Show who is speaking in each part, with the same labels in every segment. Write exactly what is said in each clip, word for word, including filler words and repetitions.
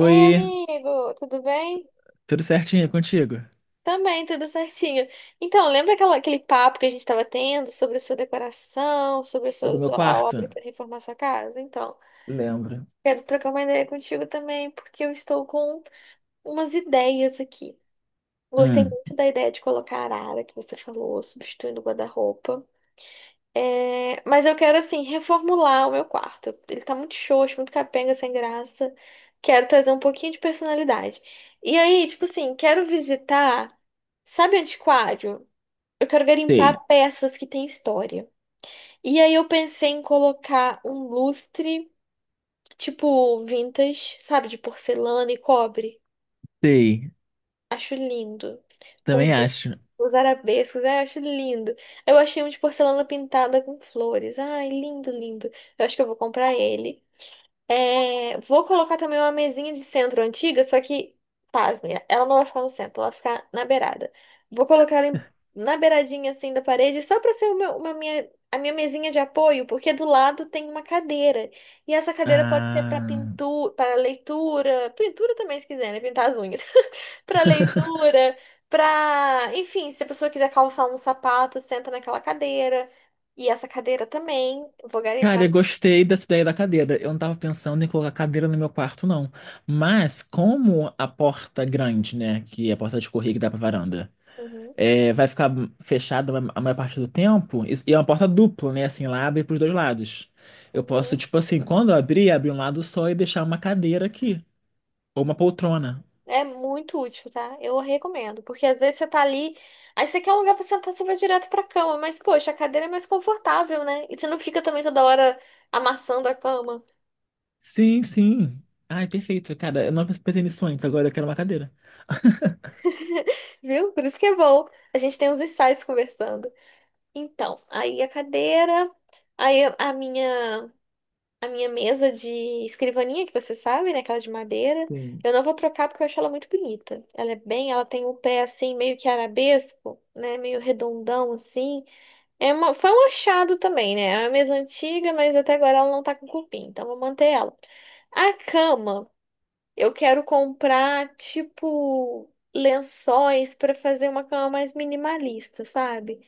Speaker 1: Ei, amigo, tudo bem?
Speaker 2: tudo certinho contigo?
Speaker 1: Também, tudo certinho. Então, lembra aquela, aquele papo que a gente estava tendo sobre a sua decoração, sobre a,
Speaker 2: É
Speaker 1: sua,
Speaker 2: do meu
Speaker 1: a
Speaker 2: quarto?
Speaker 1: obra para reformar sua casa? Então,
Speaker 2: Lembro.
Speaker 1: quero trocar uma ideia contigo também, porque eu estou com umas ideias aqui. Gostei
Speaker 2: Hum,
Speaker 1: muito da ideia de colocar a arara que você falou, substituindo o guarda-roupa. É, mas eu quero, assim, reformular o meu quarto. Ele tá muito xoxo, muito capenga, sem graça. Quero trazer um pouquinho de personalidade. E aí, tipo assim, quero visitar, sabe, antiquário? Eu quero
Speaker 2: sei,
Speaker 1: garimpar peças que têm história. E aí eu pensei em colocar um lustre, tipo vintage, sabe, de porcelana e cobre.
Speaker 2: sei.
Speaker 1: Acho lindo. Com os,
Speaker 2: Também
Speaker 1: de-
Speaker 2: acho.
Speaker 1: os arabescos, ai, acho lindo. Eu achei um de porcelana pintada com flores. Ai, lindo, lindo. Eu acho que eu vou comprar ele. É, vou colocar também uma mesinha de centro antiga, só que, pasme, ela não vai ficar no centro, ela vai ficar na beirada. Vou colocar ela em- na beiradinha assim da parede, só para ser uma, uma minha, a minha mesinha de apoio, porque do lado tem uma cadeira. E essa cadeira pode ser para
Speaker 2: Ah.
Speaker 1: pintura, para leitura, pintura também se quiser, né? Pintar as unhas. Para leitura, para, enfim, se a pessoa quiser calçar um sapato, senta naquela cadeira. E essa cadeira também, vou
Speaker 2: Cara,
Speaker 1: garimpar.
Speaker 2: eu gostei dessa ideia da cadeira. Eu não tava pensando em colocar cadeira no meu quarto, não. Mas como a porta grande, né, que é a porta de correr que dá pra varanda,
Speaker 1: Uhum,
Speaker 2: é, vai ficar fechada a maior parte do tempo, e e é uma porta dupla, né, assim, lá abre pros dois lados. Eu posso,
Speaker 1: uhum.
Speaker 2: tipo assim, quando eu abrir, abrir um lado só e deixar uma cadeira aqui, ou uma poltrona.
Speaker 1: É muito útil, tá? Eu recomendo, porque às vezes você tá ali, aí você quer um lugar pra sentar, você vai direto pra cama, mas poxa, a cadeira é mais confortável, né? E você não fica também toda hora amassando a cama,
Speaker 2: Sim, sim. Ai, perfeito. Cara, eu não pensei nisso antes, agora eu quero uma cadeira.
Speaker 1: viu? Por isso que é bom. A gente tem uns insights conversando. Então, aí a cadeira, aí a a minha a minha mesa de escrivaninha que você sabe, né, aquela de madeira,
Speaker 2: Sim.
Speaker 1: eu não vou trocar porque eu acho ela muito bonita. Ela é bem, ela tem o pé assim meio que arabesco, né, meio redondão assim. É uma, foi um achado também, né? É uma mesa antiga, mas até agora ela não tá com cupim, então vou manter ela. A cama, eu quero comprar, tipo, lençóis pra fazer uma cama mais minimalista, sabe?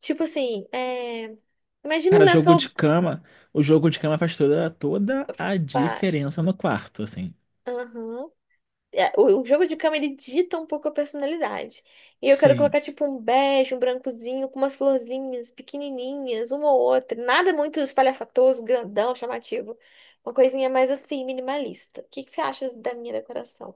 Speaker 1: Tipo assim, é... imagina um
Speaker 2: Cara, jogo
Speaker 1: lençol.
Speaker 2: de cama. O jogo de cama faz toda, toda a
Speaker 1: Vai.
Speaker 2: diferença no quarto, assim.
Speaker 1: Aham. é, O o jogo de cama, ele dita um pouco a personalidade. E eu quero
Speaker 2: Sim.
Speaker 1: colocar, tipo, um bege, um brancozinho, com umas florzinhas pequenininhas, uma ou outra. Nada muito espalhafatoso, grandão, chamativo. Uma coisinha mais assim, minimalista. O que que você acha da minha decoração?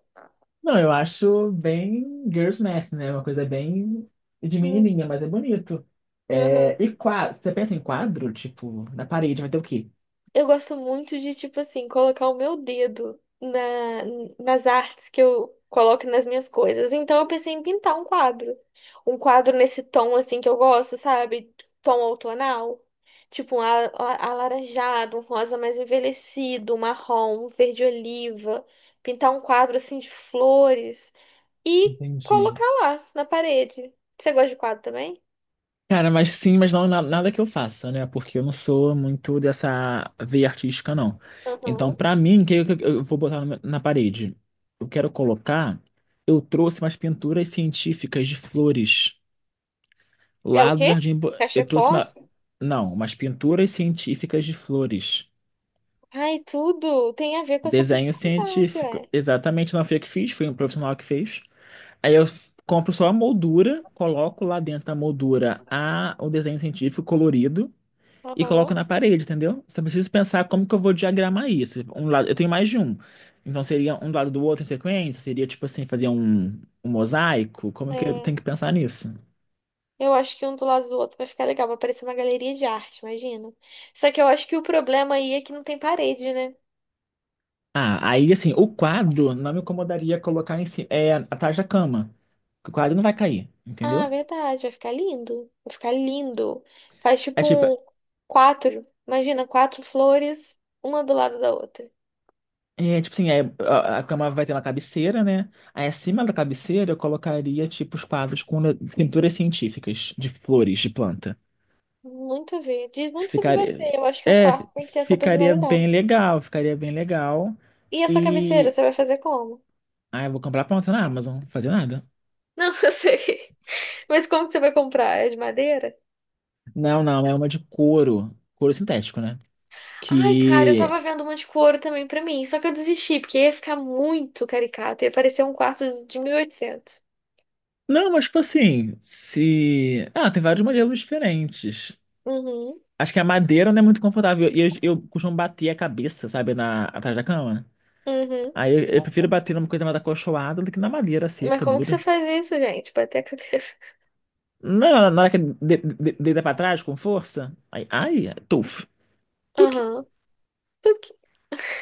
Speaker 2: Não, eu acho bem girls' math, né? Uma coisa bem de
Speaker 1: Hum,
Speaker 2: menininha, mas é bonito.
Speaker 1: aham.
Speaker 2: É, e quadro, você pensa em quadro, tipo, na parede vai ter o quê?
Speaker 1: Eu gosto muito de, tipo assim, colocar o meu dedo na, nas artes que eu coloco nas minhas coisas. Então eu pensei em pintar um quadro. Um quadro nesse tom, assim, que eu gosto, sabe? Tom outonal. Tipo um ala- ala- alaranjado, um rosa mais envelhecido, um marrom, um verde oliva. Pintar um quadro, assim, de flores. E
Speaker 2: Entendi.
Speaker 1: colocar lá, na parede. Você gosta de quadro também?
Speaker 2: Cara, mas sim, mas não na- nada que eu faça, né? Porque eu não sou muito dessa veia artística, não. Então,
Speaker 1: Uhum.
Speaker 2: pra mim, o que eu, eu vou botar no meu- na parede? Eu quero colocar. Eu trouxe umas pinturas científicas de flores
Speaker 1: É o
Speaker 2: lá do
Speaker 1: quê?
Speaker 2: Jardim. Bo- Eu trouxe
Speaker 1: Cachepó?
Speaker 2: uma. Não, umas pinturas científicas de flores.
Speaker 1: Ai, tudo tem a ver com essa
Speaker 2: Desenho
Speaker 1: personalidade,
Speaker 2: científico.
Speaker 1: é.
Speaker 2: Exatamente, não foi eu que fiz, foi um profissional que fez. Aí eu f- compro só a moldura, coloco lá dentro da moldura a, o desenho científico colorido. E coloco
Speaker 1: Aham,
Speaker 2: na parede, entendeu? Só preciso pensar como que eu vou diagramar isso. Um lado, eu tenho mais de um. Então seria um do lado do outro em sequência? Seria tipo assim, fazer um, um mosaico? Como que eu
Speaker 1: é.
Speaker 2: tenho que pensar nisso?
Speaker 1: Eu acho que um do lado do outro vai ficar legal, vai parecer uma galeria de arte, imagina. Só que eu acho que o problema aí é que não tem parede, né?
Speaker 2: Ah, aí assim, o quadro não me incomodaria colocar em cima, é, atrás da cama. Porque o quadro não vai cair,
Speaker 1: Ah,
Speaker 2: entendeu?
Speaker 1: verdade, vai ficar lindo. Vai ficar lindo. Faz
Speaker 2: É
Speaker 1: tipo
Speaker 2: tipo,
Speaker 1: um quatro, imagina, quatro flores, uma do lado da outra.
Speaker 2: é, tipo assim, é, a, a cama vai ter uma cabeceira, né? Aí acima da cabeceira eu colocaria tipo os quadros com le- pinturas científicas de flores, de planta.
Speaker 1: Muito a ver. Diz muito sobre você.
Speaker 2: Ficaria,
Speaker 1: Eu acho que o
Speaker 2: é, fi-
Speaker 1: quarto tem que ter essa
Speaker 2: ficaria bem
Speaker 1: personalidade.
Speaker 2: legal, ficaria bem legal.
Speaker 1: E essa cabeceira,
Speaker 2: E,
Speaker 1: você vai fazer como?
Speaker 2: ah, eu vou comprar pronta na Amazon, não vou fazer nada.
Speaker 1: Não, eu sei. Mas como que você vai comprar? É de madeira?
Speaker 2: Não, não, é uma de couro, couro sintético, né?
Speaker 1: Ai, cara, eu
Speaker 2: Que,
Speaker 1: tava vendo uma de couro também pra mim, só que eu desisti, porque ia ficar muito caricato, ia parecer um quarto de mil e oitocentos.
Speaker 2: não, mas tipo assim, se, ah, tem vários modelos diferentes.
Speaker 1: Uhum,
Speaker 2: Acho que a madeira não é muito confortável e eu, eu costumo bater a cabeça, sabe, na, atrás da cama.
Speaker 1: uhum.
Speaker 2: Aí eu, eu prefiro bater numa coisa mais acolchoada do que na madeira
Speaker 1: Mas
Speaker 2: seca,
Speaker 1: como que você
Speaker 2: dura.
Speaker 1: faz isso, gente? Bater a cabeça.
Speaker 2: Não, na hora que de- de- deita pra trás com força, aí, ai, tuf.
Speaker 1: Aham. Por quê?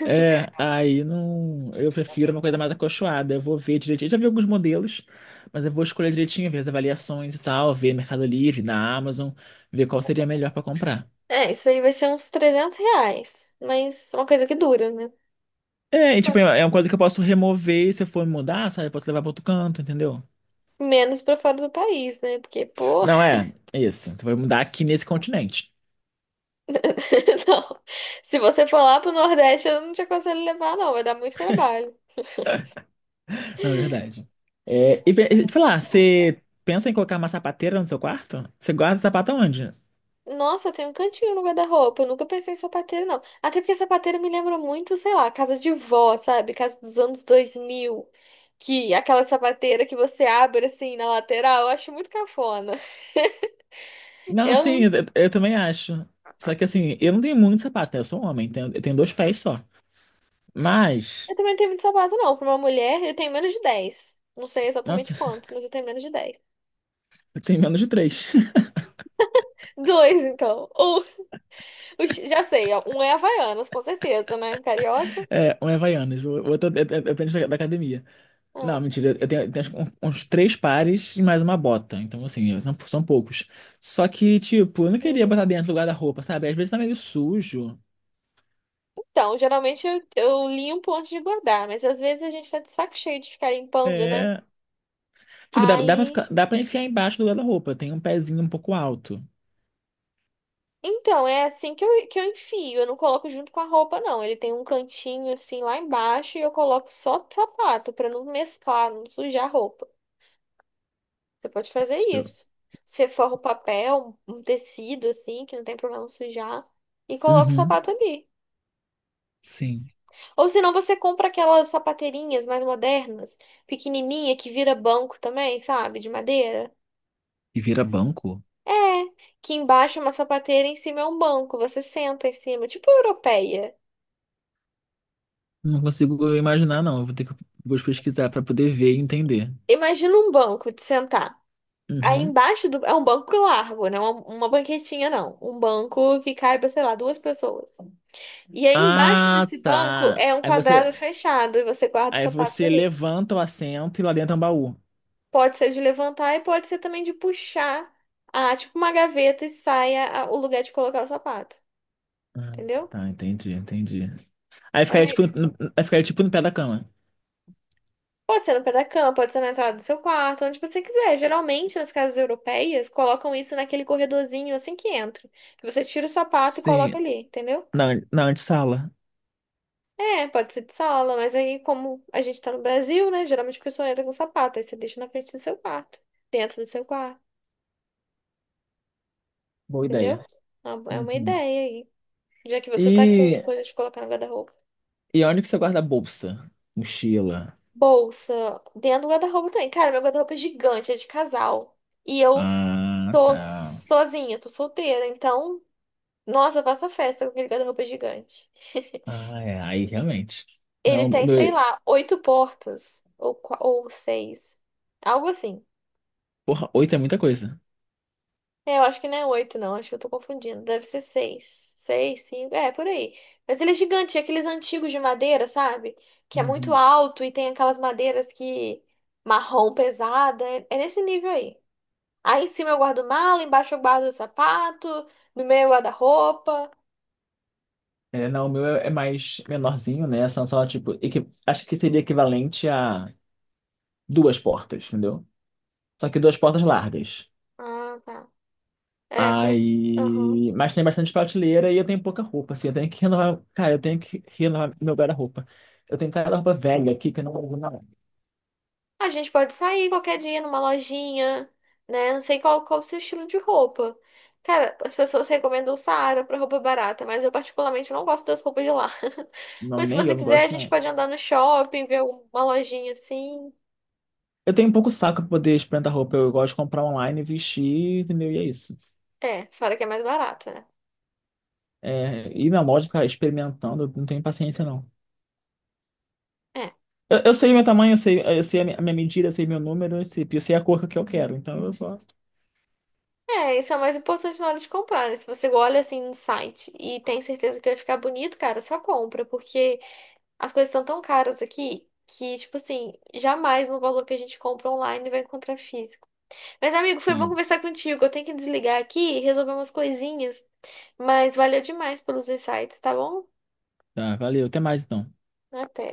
Speaker 2: É, aí não. Eu prefiro uma coisa mais acolchoada. Eu vou ver direitinho. Eu já vi alguns modelos, mas eu vou escolher direitinho, ver as avaliações e tal, ver Mercado Livre, na Amazon, ver qual seria melhor pra comprar.
Speaker 1: É, isso aí vai ser uns trezentos reais, mas uma coisa que dura, né?
Speaker 2: É, e, tipo, é uma coisa que eu posso remover se eu for mudar, sabe? Eu posso levar pra outro canto, entendeu?
Speaker 1: Menos pra fora do país, né? Porque, pô,
Speaker 2: Não, é, é isso. Você vai mudar aqui nesse continente,
Speaker 1: não. Se você for lá pro Nordeste, eu não te aconselho a levar, não, vai dar muito trabalho.
Speaker 2: na verdade. É, e pe- e te falar, você pensa em colocar uma sapateira no seu quarto? Você guarda o sapato aonde?
Speaker 1: Nossa, tem um cantinho no guarda-roupa. Eu nunca pensei em sapateiro, não. Até porque sapateiro me lembra muito, sei lá, casa de vó, sabe? Casa dos anos dois mil. Que aquela sapateira que você abre assim na lateral, eu acho muito cafona.
Speaker 2: Não,
Speaker 1: Eu,
Speaker 2: sim, eu,
Speaker 1: não-
Speaker 2: eu também acho. Só que assim, eu não tenho muito sapato, né? Eu sou um homem, tenho- eu tenho dois pés só. Mas,
Speaker 1: eu também não tenho muito sapato, não. Pra uma mulher, eu tenho menos de dez. Não sei exatamente
Speaker 2: nossa,
Speaker 1: quanto, mas eu tenho menos de dez.
Speaker 2: eu tenho menos de três.
Speaker 1: Dois, então. Um, o chi- já sei, ó. Um é Havaianas, com certeza, né? Carioca.
Speaker 2: É, um é Havaianas, o outro é é- é tênis da, da academia. Não, mentira, eu tenho, eu tenho acho um- uns três pares e mais uma bota. Então, assim, eu- são, são poucos. Só que, tipo, eu não queria botar
Speaker 1: Ah.
Speaker 2: dentro do guarda-roupa, sabe? Às vezes tá meio sujo.
Speaker 1: Então, geralmente eu, eu limpo antes de guardar, mas às vezes a gente tá de saco cheio de ficar limpando, né?
Speaker 2: É. Tipo, dá, dá pra
Speaker 1: Aí.
Speaker 2: ficar, dá pra enfiar embaixo do guarda-roupa. Tem um pezinho um pouco alto.
Speaker 1: Então, é assim que eu, que eu enfio. Eu não coloco junto com a roupa, não. Ele tem um cantinho assim lá embaixo e eu coloco só sapato pra não mesclar, não sujar a roupa. Você pode fazer
Speaker 2: Eu-
Speaker 1: isso. Você forra o papel, um tecido assim, que não tem problema sujar, e coloca o
Speaker 2: Uhum,
Speaker 1: sapato ali.
Speaker 2: sim.
Speaker 1: Ou senão você compra aquelas sapateirinhas mais modernas, pequenininha, que vira banco também, sabe? De madeira.
Speaker 2: E vira banco?
Speaker 1: É, que embaixo é uma sapateira, em cima é um banco. Você senta em cima, tipo europeia.
Speaker 2: Não consigo imaginar, não. Eu vou ter que vou pesquisar para poder ver e entender.
Speaker 1: Imagina um banco de sentar. Aí
Speaker 2: Uhum.
Speaker 1: embaixo do... é um banco largo, não é uma, uma banquetinha, não. Um banco que caiba, sei lá, duas pessoas. E aí embaixo
Speaker 2: Ah,
Speaker 1: desse banco
Speaker 2: tá.
Speaker 1: é um
Speaker 2: Aí
Speaker 1: quadrado
Speaker 2: você,
Speaker 1: fechado e você guarda os
Speaker 2: aí
Speaker 1: sapatos
Speaker 2: você
Speaker 1: ali.
Speaker 2: levanta o assento e lá dentro é um baú.
Speaker 1: Pode ser de levantar e pode ser também de puxar, ah, tipo uma gaveta e saia a- o lugar de colocar o sapato.
Speaker 2: Ah,
Speaker 1: Entendeu?
Speaker 2: tá, entendi, entendi. Aí
Speaker 1: É,
Speaker 2: ficaria
Speaker 1: me-
Speaker 2: tipo, no, aí ficaria tipo no pé da cama.
Speaker 1: pode ser no pé da cama, pode ser na entrada do seu quarto, onde você quiser. Geralmente, nas casas europeias, colocam isso naquele corredorzinho assim que entra. Que você tira o sapato e
Speaker 2: Sim,
Speaker 1: coloca ali, entendeu?
Speaker 2: na, na antessala.
Speaker 1: É, pode ser de sala, mas aí, como a gente tá no Brasil, né? Geralmente a pessoa entra com sapato, aí você deixa na frente do seu quarto, dentro do seu quarto,
Speaker 2: Boa
Speaker 1: entendeu?
Speaker 2: ideia.
Speaker 1: É uma é uma
Speaker 2: Uhum.
Speaker 1: ideia aí. Já que você tá com
Speaker 2: E,
Speaker 1: coisa de colocar no guarda-roupa.
Speaker 2: e onde que você guarda a bolsa? Mochila.
Speaker 1: Bolsa, dentro do guarda-roupa também. Cara, meu guarda-roupa é gigante, é de casal. E eu
Speaker 2: Ah,
Speaker 1: tô
Speaker 2: tá.
Speaker 1: sozinha, tô solteira, então. Nossa, eu faço a festa com aquele guarda-roupa gigante.
Speaker 2: Ah, é, aí realmente.
Speaker 1: Ele
Speaker 2: Não, o
Speaker 1: tem, sei
Speaker 2: meu,
Speaker 1: lá, oito portas. Ou, qua- ou seis. Algo assim.
Speaker 2: porra, oito é muita coisa.
Speaker 1: É, eu acho que não é oito, não. Acho que eu tô confundindo. Deve ser seis. Seis, cinco. É, por aí. Mas ele é gigante. É aqueles antigos de madeira, sabe? Que é muito
Speaker 2: Uhum.
Speaker 1: alto e tem aquelas madeiras que... Marrom pesada. É, é nesse nível aí. Aí em cima eu guardo mala, embaixo eu guardo o sapato, no meio eu guardo a roupa.
Speaker 2: É, não, o meu é é mais menorzinho, né? São só, tipo, equi- acho que seria equivalente a duas portas, entendeu? Só que duas portas largas.
Speaker 1: Ah, tá. É, como... se- aham.
Speaker 2: Aí. Mas tem bastante prateleira e eu tenho pouca roupa, assim. Eu tenho que renovar. Cara, eu tenho que renovar meu guarda-roupa. Eu tenho cada roupa velha aqui que eu não uso, não.
Speaker 1: A gente pode sair qualquer dia numa lojinha, né? Não sei qual, qual o seu estilo de roupa. Cara, as pessoas recomendam o Saara pra roupa barata, mas eu particularmente não gosto das roupas de lá.
Speaker 2: Não,
Speaker 1: Mas se
Speaker 2: nem
Speaker 1: você
Speaker 2: eu não
Speaker 1: quiser, a
Speaker 2: gosto,
Speaker 1: gente
Speaker 2: não.
Speaker 1: pode andar no shopping, ver alguma lojinha assim.
Speaker 2: Eu tenho um pouco saco pra poder experimentar roupa. Eu gosto de comprar online, vestir, entendeu? E é isso.
Speaker 1: É, fora que é mais barato, né?
Speaker 2: É, ir na loja ficar experimentando, eu não tenho paciência, não.
Speaker 1: É,
Speaker 2: Eu, eu sei meu tamanho, eu sei, eu sei a mi- a minha medida, eu sei meu número, eu sei, eu sei a cor que eu quero. Então eu só.
Speaker 1: é, isso é o mais importante na hora de comprar, né? Se você olha assim no site e tem certeza que vai ficar bonito, cara, só compra, porque as coisas estão tão caras aqui que, tipo assim, jamais no valor que a gente compra online vai encontrar físico. Mas, amigo, foi bom
Speaker 2: Sim.
Speaker 1: conversar contigo. Eu tenho que desligar aqui e resolver umas coisinhas. Mas valeu demais pelos insights, tá bom?
Speaker 2: Tá, valeu. Até mais então.
Speaker 1: Até.